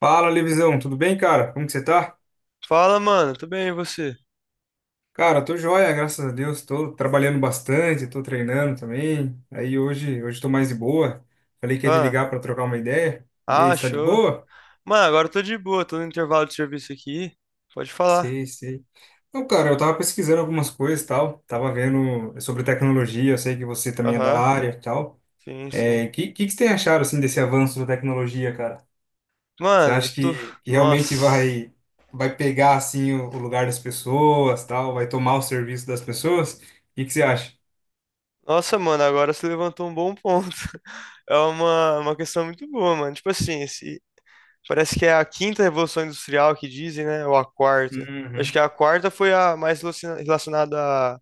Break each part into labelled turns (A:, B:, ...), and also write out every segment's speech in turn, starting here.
A: Fala, Levisão, tudo bem, cara? Como que você tá?
B: Fala, mano, tudo bem e você?
A: Cara, tô joia, graças a Deus. Tô trabalhando bastante, tô treinando também. Aí hoje tô mais de boa. Falei que ia te
B: Ah,
A: ligar pra trocar uma ideia. E aí, você tá de
B: Show.
A: boa?
B: Mano, agora eu tô de boa, tô no intervalo de serviço aqui. Pode falar.
A: Sei. Então, cara, eu tava pesquisando algumas coisas e tal. Tava vendo sobre tecnologia, eu sei que você também é da
B: Aham,
A: área e tal.
B: sim, sim.
A: É, que você tem achado, assim, desse avanço da tecnologia, cara? Você
B: Mano, eu
A: acha
B: tô.
A: que realmente
B: Nossa.
A: vai pegar assim o lugar das pessoas, tal, vai tomar o serviço das pessoas? O que que você acha?
B: Nossa, mano, agora você levantou um bom ponto. É uma questão muito boa, mano. Tipo assim, esse parece que é a quinta revolução industrial que dizem, né? Ou a quarta. Acho
A: Uhum.
B: que a quarta foi a mais relacionada a-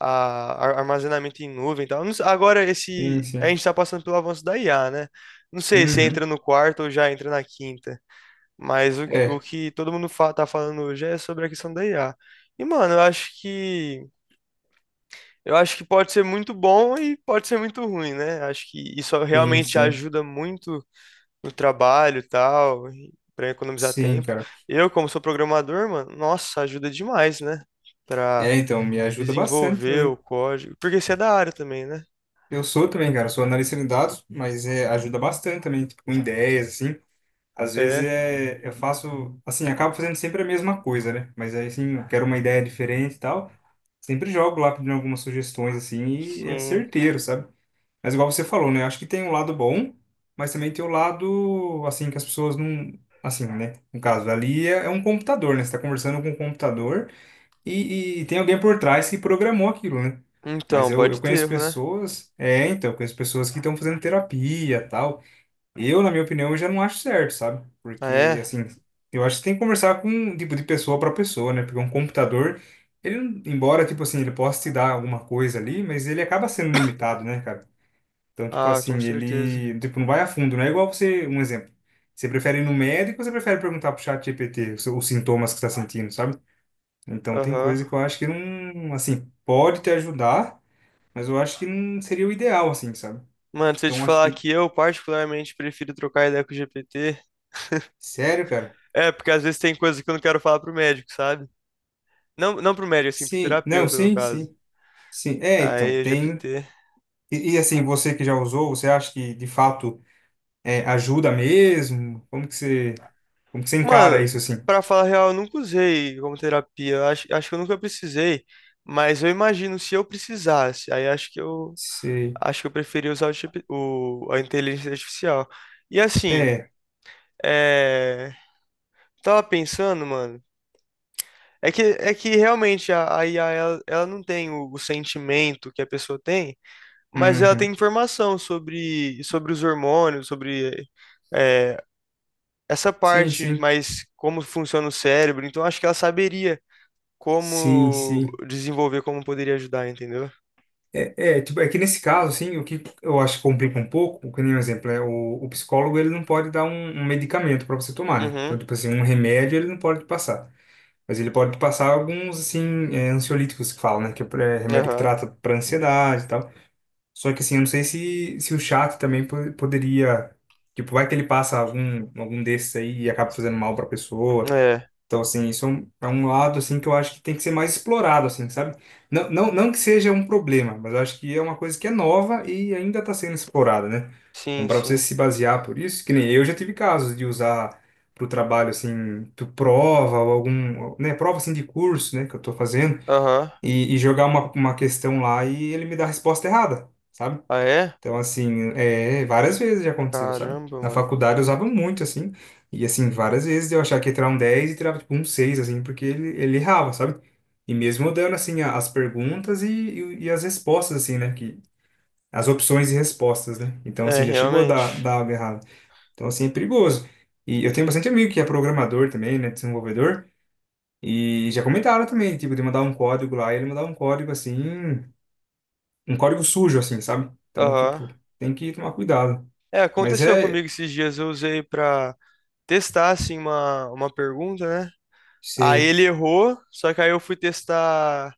B: a- armazenamento em nuvem e tal. Não sei. Agora,
A: Sim,
B: esse, a gente
A: sim.
B: está passando pelo avanço da IA, né? Não sei se
A: Uhum.
B: entra no quarto ou já entra na quinta, mas o
A: É,
B: que todo mundo fa tá falando hoje é sobre a questão da IA. E, mano, eu acho que pode ser muito bom e pode ser muito ruim, né? Acho que isso
A: sim,
B: realmente
A: sim.
B: ajuda muito no trabalho e tal, para economizar
A: Sim,
B: tempo.
A: cara.
B: Eu, como sou programador, mano, nossa, ajuda demais, né?
A: É,
B: Para
A: então, me ajuda bastante
B: desenvolver o
A: também.
B: código, porque você é da área também, né?
A: Eu sou também, cara, sou analista de dados, mas é, ajuda bastante também, tipo, com ideias, assim. Às vezes
B: É,
A: é, eu faço, assim, acabo fazendo sempre a mesma coisa, né? Mas aí, assim, eu quero uma ideia diferente e tal. Sempre jogo lá pedindo algumas sugestões, assim, e é
B: sim.
A: certeiro, sabe? Mas igual você falou, né? Acho que tem um lado bom, mas também tem o lado, assim, que as pessoas não. Assim, né? No caso, ali é, é um computador, né? Você tá conversando com um computador e tem alguém por trás que programou aquilo, né? Mas
B: Então,
A: eu
B: pode ter
A: conheço
B: erro, né?
A: pessoas. É, então, eu conheço pessoas que estão fazendo terapia tal. Eu, na minha opinião, eu já não acho certo, sabe?
B: Ah,
A: Porque,
B: é?
A: assim, eu acho que tem que conversar com, um tipo, de pessoa para pessoa, né? Porque um computador. Ele, embora, tipo assim, ele possa te dar alguma coisa ali, mas ele acaba sendo limitado, né, cara? Então, tipo
B: Ah, com
A: assim,
B: certeza.
A: ele, tipo, não vai a fundo, não é igual você, um exemplo. Você prefere ir no médico ou você prefere perguntar pro chat GPT os sintomas que você tá sentindo, sabe? Então, tem
B: Aham.
A: coisa que eu acho que não, assim, pode te ajudar, mas eu acho que não seria o ideal, assim, sabe?
B: Mano, se eu te
A: Então, acho
B: falar
A: que,
B: que eu particularmente prefiro trocar ideia com o GPT,
A: sério, cara?
B: é porque às vezes tem coisa que eu não quero falar pro médico, sabe? Não, não pro médico, assim, pro
A: Sim, não,
B: terapeuta, no
A: sim,
B: caso.
A: sim, sim. É, então,
B: Aí, o
A: tem,
B: GPT.
A: assim, você que já usou, você acha que, de fato, é, ajuda mesmo? Como que você encara
B: Mano,
A: isso, assim?
B: pra falar a real, eu nunca usei como terapia. Eu acho que eu nunca precisei. Mas eu imagino se eu precisasse. Aí acho que eu
A: Você,
B: acho que eu preferia usar o a inteligência artificial. E assim.
A: é,
B: É, tava pensando, mano. É que realmente a IA, ela não tem o sentimento que a pessoa tem, mas ela tem
A: uhum.
B: informação sobre os hormônios, sobre, é, essa
A: Sim,
B: parte,
A: sim.
B: mas como funciona o cérebro. Então acho que ela saberia
A: Sim,
B: como
A: sim.
B: desenvolver, como poderia ajudar, entendeu?
A: É, é, tipo, é que nesse caso, assim, o que eu acho que complica um pouco, que nem um exemplo, é o psicólogo, ele não pode dar um medicamento para você tomar, né? Então,
B: Uhum.
A: tipo assim, um remédio ele não pode te passar. Mas ele pode te passar alguns, assim, é, ansiolíticos que falam, né? Que é é remédio que
B: Aham.
A: trata para ansiedade e tal. Só que, assim, eu não sei se, se o chat também poderia... Tipo, vai que ele passa algum, algum desses aí e acaba fazendo mal para a pessoa.
B: É.
A: Então, assim, isso é um lado, assim, que eu acho que tem que ser mais explorado, assim, sabe? Não que seja um problema, mas eu acho que é uma coisa que é nova e ainda está sendo explorada, né? Então,
B: Sim,
A: para você
B: sim.
A: se basear por isso, que nem eu já tive casos de usar para o trabalho, assim, tu prova ou algum, né, prova, assim, de curso, né, que eu estou fazendo,
B: Aham.
A: e jogar uma questão lá e ele me dá a resposta errada, sabe?
B: Ah, é?
A: Então, assim, é, várias vezes já aconteceu, sabe?
B: Caramba,
A: Na
B: mano.
A: faculdade eu usava muito, assim, e, assim, várias vezes eu achava que ia tirar um 10 e tirava, tipo, um 6 assim, porque ele errava, sabe? E mesmo dando, assim, as perguntas e as respostas, assim, né? Que, as opções e respostas, né? Então,
B: É,
A: assim, já chegou a
B: realmente.
A: dar algo errado. Então, assim, é perigoso. E eu tenho bastante amigo que é programador também, né? Desenvolvedor, e já comentaram também, tipo, de mandar um código lá, e ele mandar um código, assim, um código sujo, assim, sabe? Então,
B: Aham.
A: tipo, tem que tomar cuidado.
B: É,
A: Mas
B: aconteceu
A: é.
B: comigo esses dias, eu usei pra testar, assim, uma pergunta, né? Aí
A: Sei.
B: ele errou, só que aí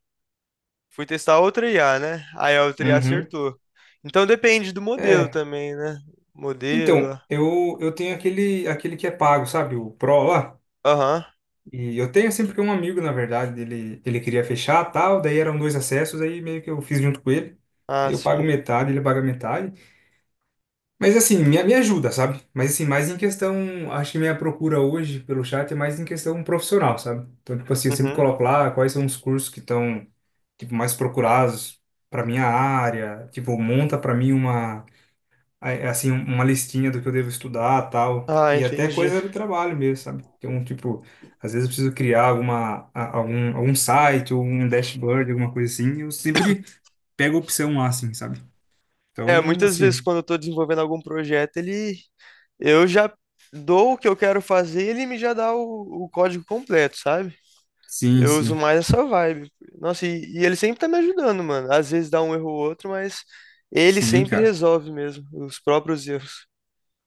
B: fui testar outra IA, né? Aí a outra IA
A: Uhum.
B: acertou. Então depende do modelo
A: É.
B: também, né?
A: Então,
B: Modelo.
A: eu tenho aquele, aquele que é pago, sabe? O Pro lá.
B: Aham.
A: E eu tenho sempre que um amigo, na verdade, ele queria fechar tal, daí eram dois acessos, aí meio que eu fiz junto com ele.
B: Ah,
A: Aí eu pago
B: sim.
A: metade, ele paga metade. Mas assim, me ajuda, sabe? Mas assim, mais em questão. Acho que minha procura hoje pelo chat é mais em questão profissional, sabe? Então, tipo assim, eu sempre
B: Uhum.
A: coloco lá quais são os cursos que estão, tipo, mais procurados para minha área. Tipo, monta para mim uma aí, é assim, um, uma listinha do que eu devo estudar, tal,
B: Ah,
A: e até
B: entendi.
A: coisa do trabalho mesmo, sabe? Tem um tipo, às vezes eu preciso criar alguma, algum, algum site ou um dashboard, alguma coisa assim, eu sempre pego a opção lá, assim, sabe?
B: É,
A: Então,
B: muitas vezes
A: assim,
B: quando eu tô desenvolvendo algum projeto, ele eu já dou o que eu quero fazer, ele me já dá o código completo, sabe?
A: sim,
B: Eu uso
A: sim,
B: mais essa vibe. Nossa, e ele sempre tá me ajudando, mano. Às vezes dá um erro ou outro, mas ele
A: sim,
B: sempre
A: cara.
B: resolve mesmo os próprios erros.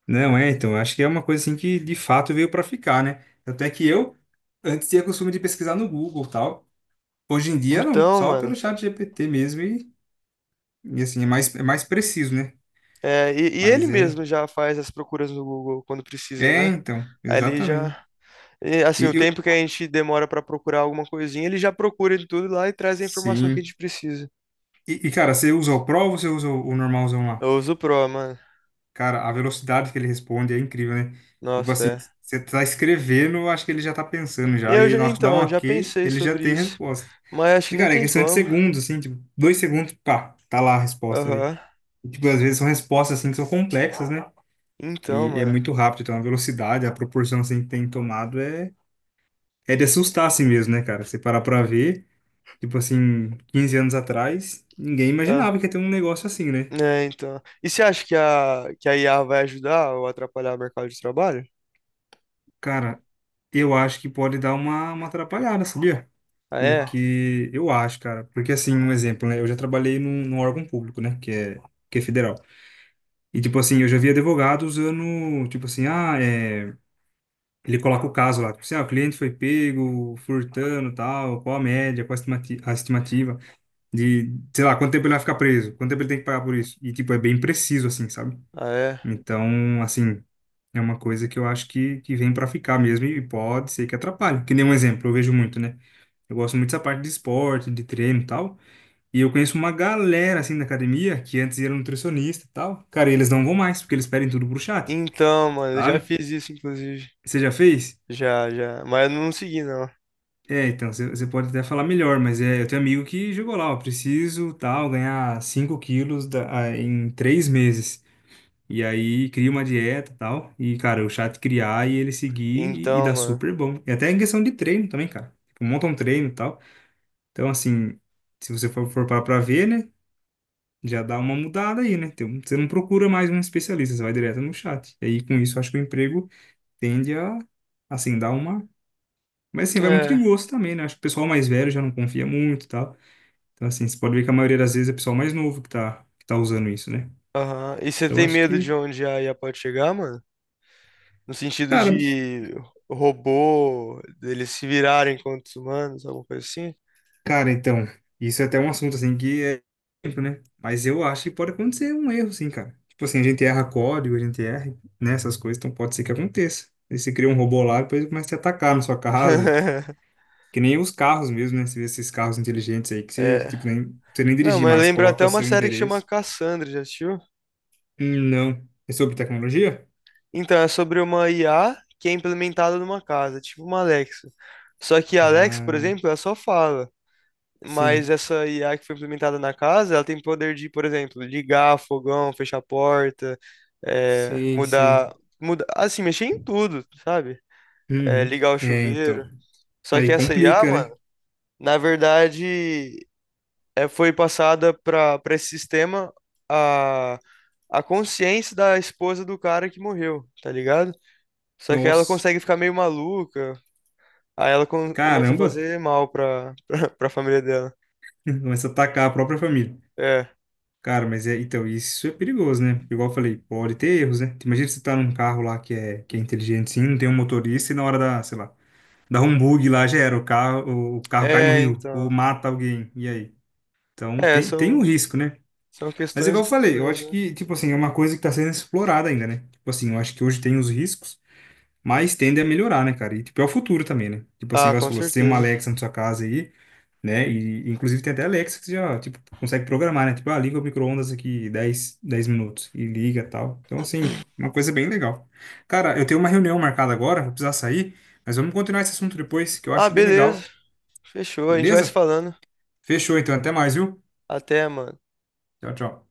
A: Não, é, então, acho que é uma coisa assim que de fato veio para ficar, né? Até que eu antes tinha costume de pesquisar no Google, e tal. Hoje em dia não,
B: Então,
A: só
B: mano,
A: pelo chat GPT mesmo e assim, é mais preciso, né?
B: e ele
A: Mas é.
B: mesmo já faz as procuras no Google quando precisa,
A: É,
B: né?
A: então,
B: Aí ele
A: exatamente.
B: já. E, Assim,
A: E
B: o
A: eu,
B: tempo que a gente demora pra procurar alguma coisinha, ele já procura de tudo lá e traz a informação que a
A: sim.
B: gente precisa.
A: E, cara, você usa o Pro ou você usa o normalzão lá?
B: Eu uso o Pro, mano.
A: Cara, a velocidade que ele responde é incrível, né? Tipo
B: Nossa,
A: assim,
B: é.
A: você tá escrevendo, eu acho que ele já tá pensando já. E
B: Eu
A: aí,
B: já,
A: na hora que dá um
B: então, já
A: ok,
B: pensei
A: ele já
B: sobre
A: tem a
B: isso.
A: resposta.
B: Mas acho que
A: E,
B: nem
A: cara, é
B: tem
A: questão de
B: como.
A: segundos, assim, tipo, 2 segundos, pá, tá lá a resposta aí.
B: Aham.
A: E, tipo, às vezes são respostas, assim, que são complexas, né?
B: Então,
A: E é
B: mano.
A: muito rápido, então a velocidade, a proporção, assim, que tem tomado é, é de assustar, assim mesmo, né, cara? Você parar pra ver. Tipo assim, 15 anos atrás, ninguém imaginava que ia ter um negócio assim, né?
B: É, então. E você acha que a IA vai ajudar ou atrapalhar o mercado de trabalho?
A: Cara, eu acho que pode dar uma atrapalhada, sabia?
B: Ah, é?
A: Porque eu acho, cara. Porque assim, um exemplo, né? Eu já trabalhei num, num órgão público, né? Que é federal. E tipo assim, eu já vi advogado usando, tipo assim, ah, é... ele coloca o caso lá, tipo assim, ah, o cliente foi pego, furtando, tal, qual a média, qual a a estimativa de, sei lá, quanto tempo ele vai ficar preso, quanto tempo ele tem que pagar por isso. E tipo, é bem preciso, assim, sabe?
B: Ah, é?
A: Então, assim, é uma coisa que eu acho que vem para ficar mesmo e pode ser que atrapalhe. Que nem um exemplo, eu vejo muito, né? Eu gosto muito dessa parte de esporte, de treino e tal. E eu conheço uma galera, assim, da academia que antes era nutricionista e tal. Cara, eles não vão mais, porque eles pedem tudo pro chat,
B: Então, mano, eu já
A: sabe?
B: fiz isso, inclusive.
A: Você já fez?
B: Já, já. Mas eu não segui, não.
A: É, então, você pode até falar melhor, mas é, eu tenho amigo que jogou lá, ó, preciso, tal, ganhar 5 quilos ah, em 3 meses. E aí cria uma dieta e tal. E, cara, o chat criar e ele seguir e
B: Então,
A: dá
B: mano.
A: super bom. E até em questão de treino também, cara. Tipo, monta um treino e tal. Então, assim, se você for parar pra ver, né? Já dá uma mudada aí, né? então Você não procura mais um especialista, você vai direto no chat. E aí, com isso, eu acho que o emprego tende a, assim, dar uma. Mas, assim, vai muito de
B: É.
A: gosto também, né? Acho que o pessoal mais velho já não confia muito e tal. Então, assim, você pode ver que a maioria das vezes é o pessoal mais novo que tá usando isso, né?
B: Aham. E você
A: Então,
B: tem
A: acho
B: medo de
A: que.
B: onde a IA pode chegar, mano? No sentido
A: Cara
B: de robô, deles se virarem contra os humanos, alguma coisa assim?
A: Cara, então, isso é até um assunto assim que é tempo, né? Mas eu acho que pode acontecer um erro, sim, cara. Tipo assim, a gente erra código, a gente erra, né, essas coisas, então pode ser que aconteça. Aí você cria um robô lá, depois ele começa a te atacar na sua casa. Que nem os carros mesmo, né? Você vê esses carros inteligentes aí que você,
B: É.
A: tipo, nem, você nem
B: Não,
A: dirigir
B: mas
A: mais, você
B: lembra até
A: coloca
B: uma
A: seu
B: série que chama
A: endereço.
B: Cassandra, já assistiu?
A: Não. É sobre tecnologia?
B: Então, é sobre uma IA que é implementada numa casa, tipo uma Alexa. Só que a Alexa, por
A: Ah,
B: exemplo, ela só fala. Mas
A: sim.
B: essa IA que foi implementada na casa, ela tem poder de, por exemplo, ligar fogão, fechar a porta, é,
A: Sei.
B: mudar, assim, mexer em tudo, sabe? É,
A: Uhum.
B: ligar o
A: É,
B: chuveiro.
A: então.
B: Só que
A: Aí
B: essa IA,
A: complica,
B: mano,
A: né?
B: na verdade, é, foi passada para esse sistema a, a consciência da esposa do cara que morreu, tá ligado? Só que ela
A: Nossa.
B: consegue ficar meio maluca, aí ela começa a
A: Caramba.
B: fazer mal pra, pra família dela.
A: Começa a atacar a própria família.
B: É,
A: Cara, mas é, então, isso é perigoso, né? Igual eu falei, pode ter erros, né? Imagina você tá num carro lá que é inteligente, sim, não tem um motorista e na hora da, sei lá, dá um bug lá, já era, o carro cai no
B: é,
A: rio, ou
B: então.
A: mata alguém, e aí? Então,
B: É,
A: tem, tem
B: são
A: um risco, né?
B: São
A: Mas
B: questões
A: igual
B: e
A: eu falei, eu
B: questões,
A: acho
B: né?
A: que, tipo assim, é uma coisa que tá sendo explorada ainda, né? Tipo assim, eu acho que hoje tem os riscos, mas tende a melhorar, né, cara? E, tipo, é o futuro também, né? Tipo assim,
B: Ah,
A: igual você
B: com
A: falou, você tem uma
B: certeza.
A: Alexa na sua casa aí, né? E, inclusive, tem até Alexa que você já, tipo, consegue programar, né? Tipo, ah, liga o micro-ondas aqui dez minutos e liga tal. Então, assim, uma coisa bem legal. Cara, eu tenho uma reunião marcada agora, vou precisar sair, mas vamos continuar esse assunto depois, que eu
B: Ah,
A: acho bem
B: beleza.
A: legal,
B: Fechou. A gente vai se
A: beleza?
B: falando.
A: Fechou, então, até mais, viu?
B: Até, mano.
A: Tchau, tchau.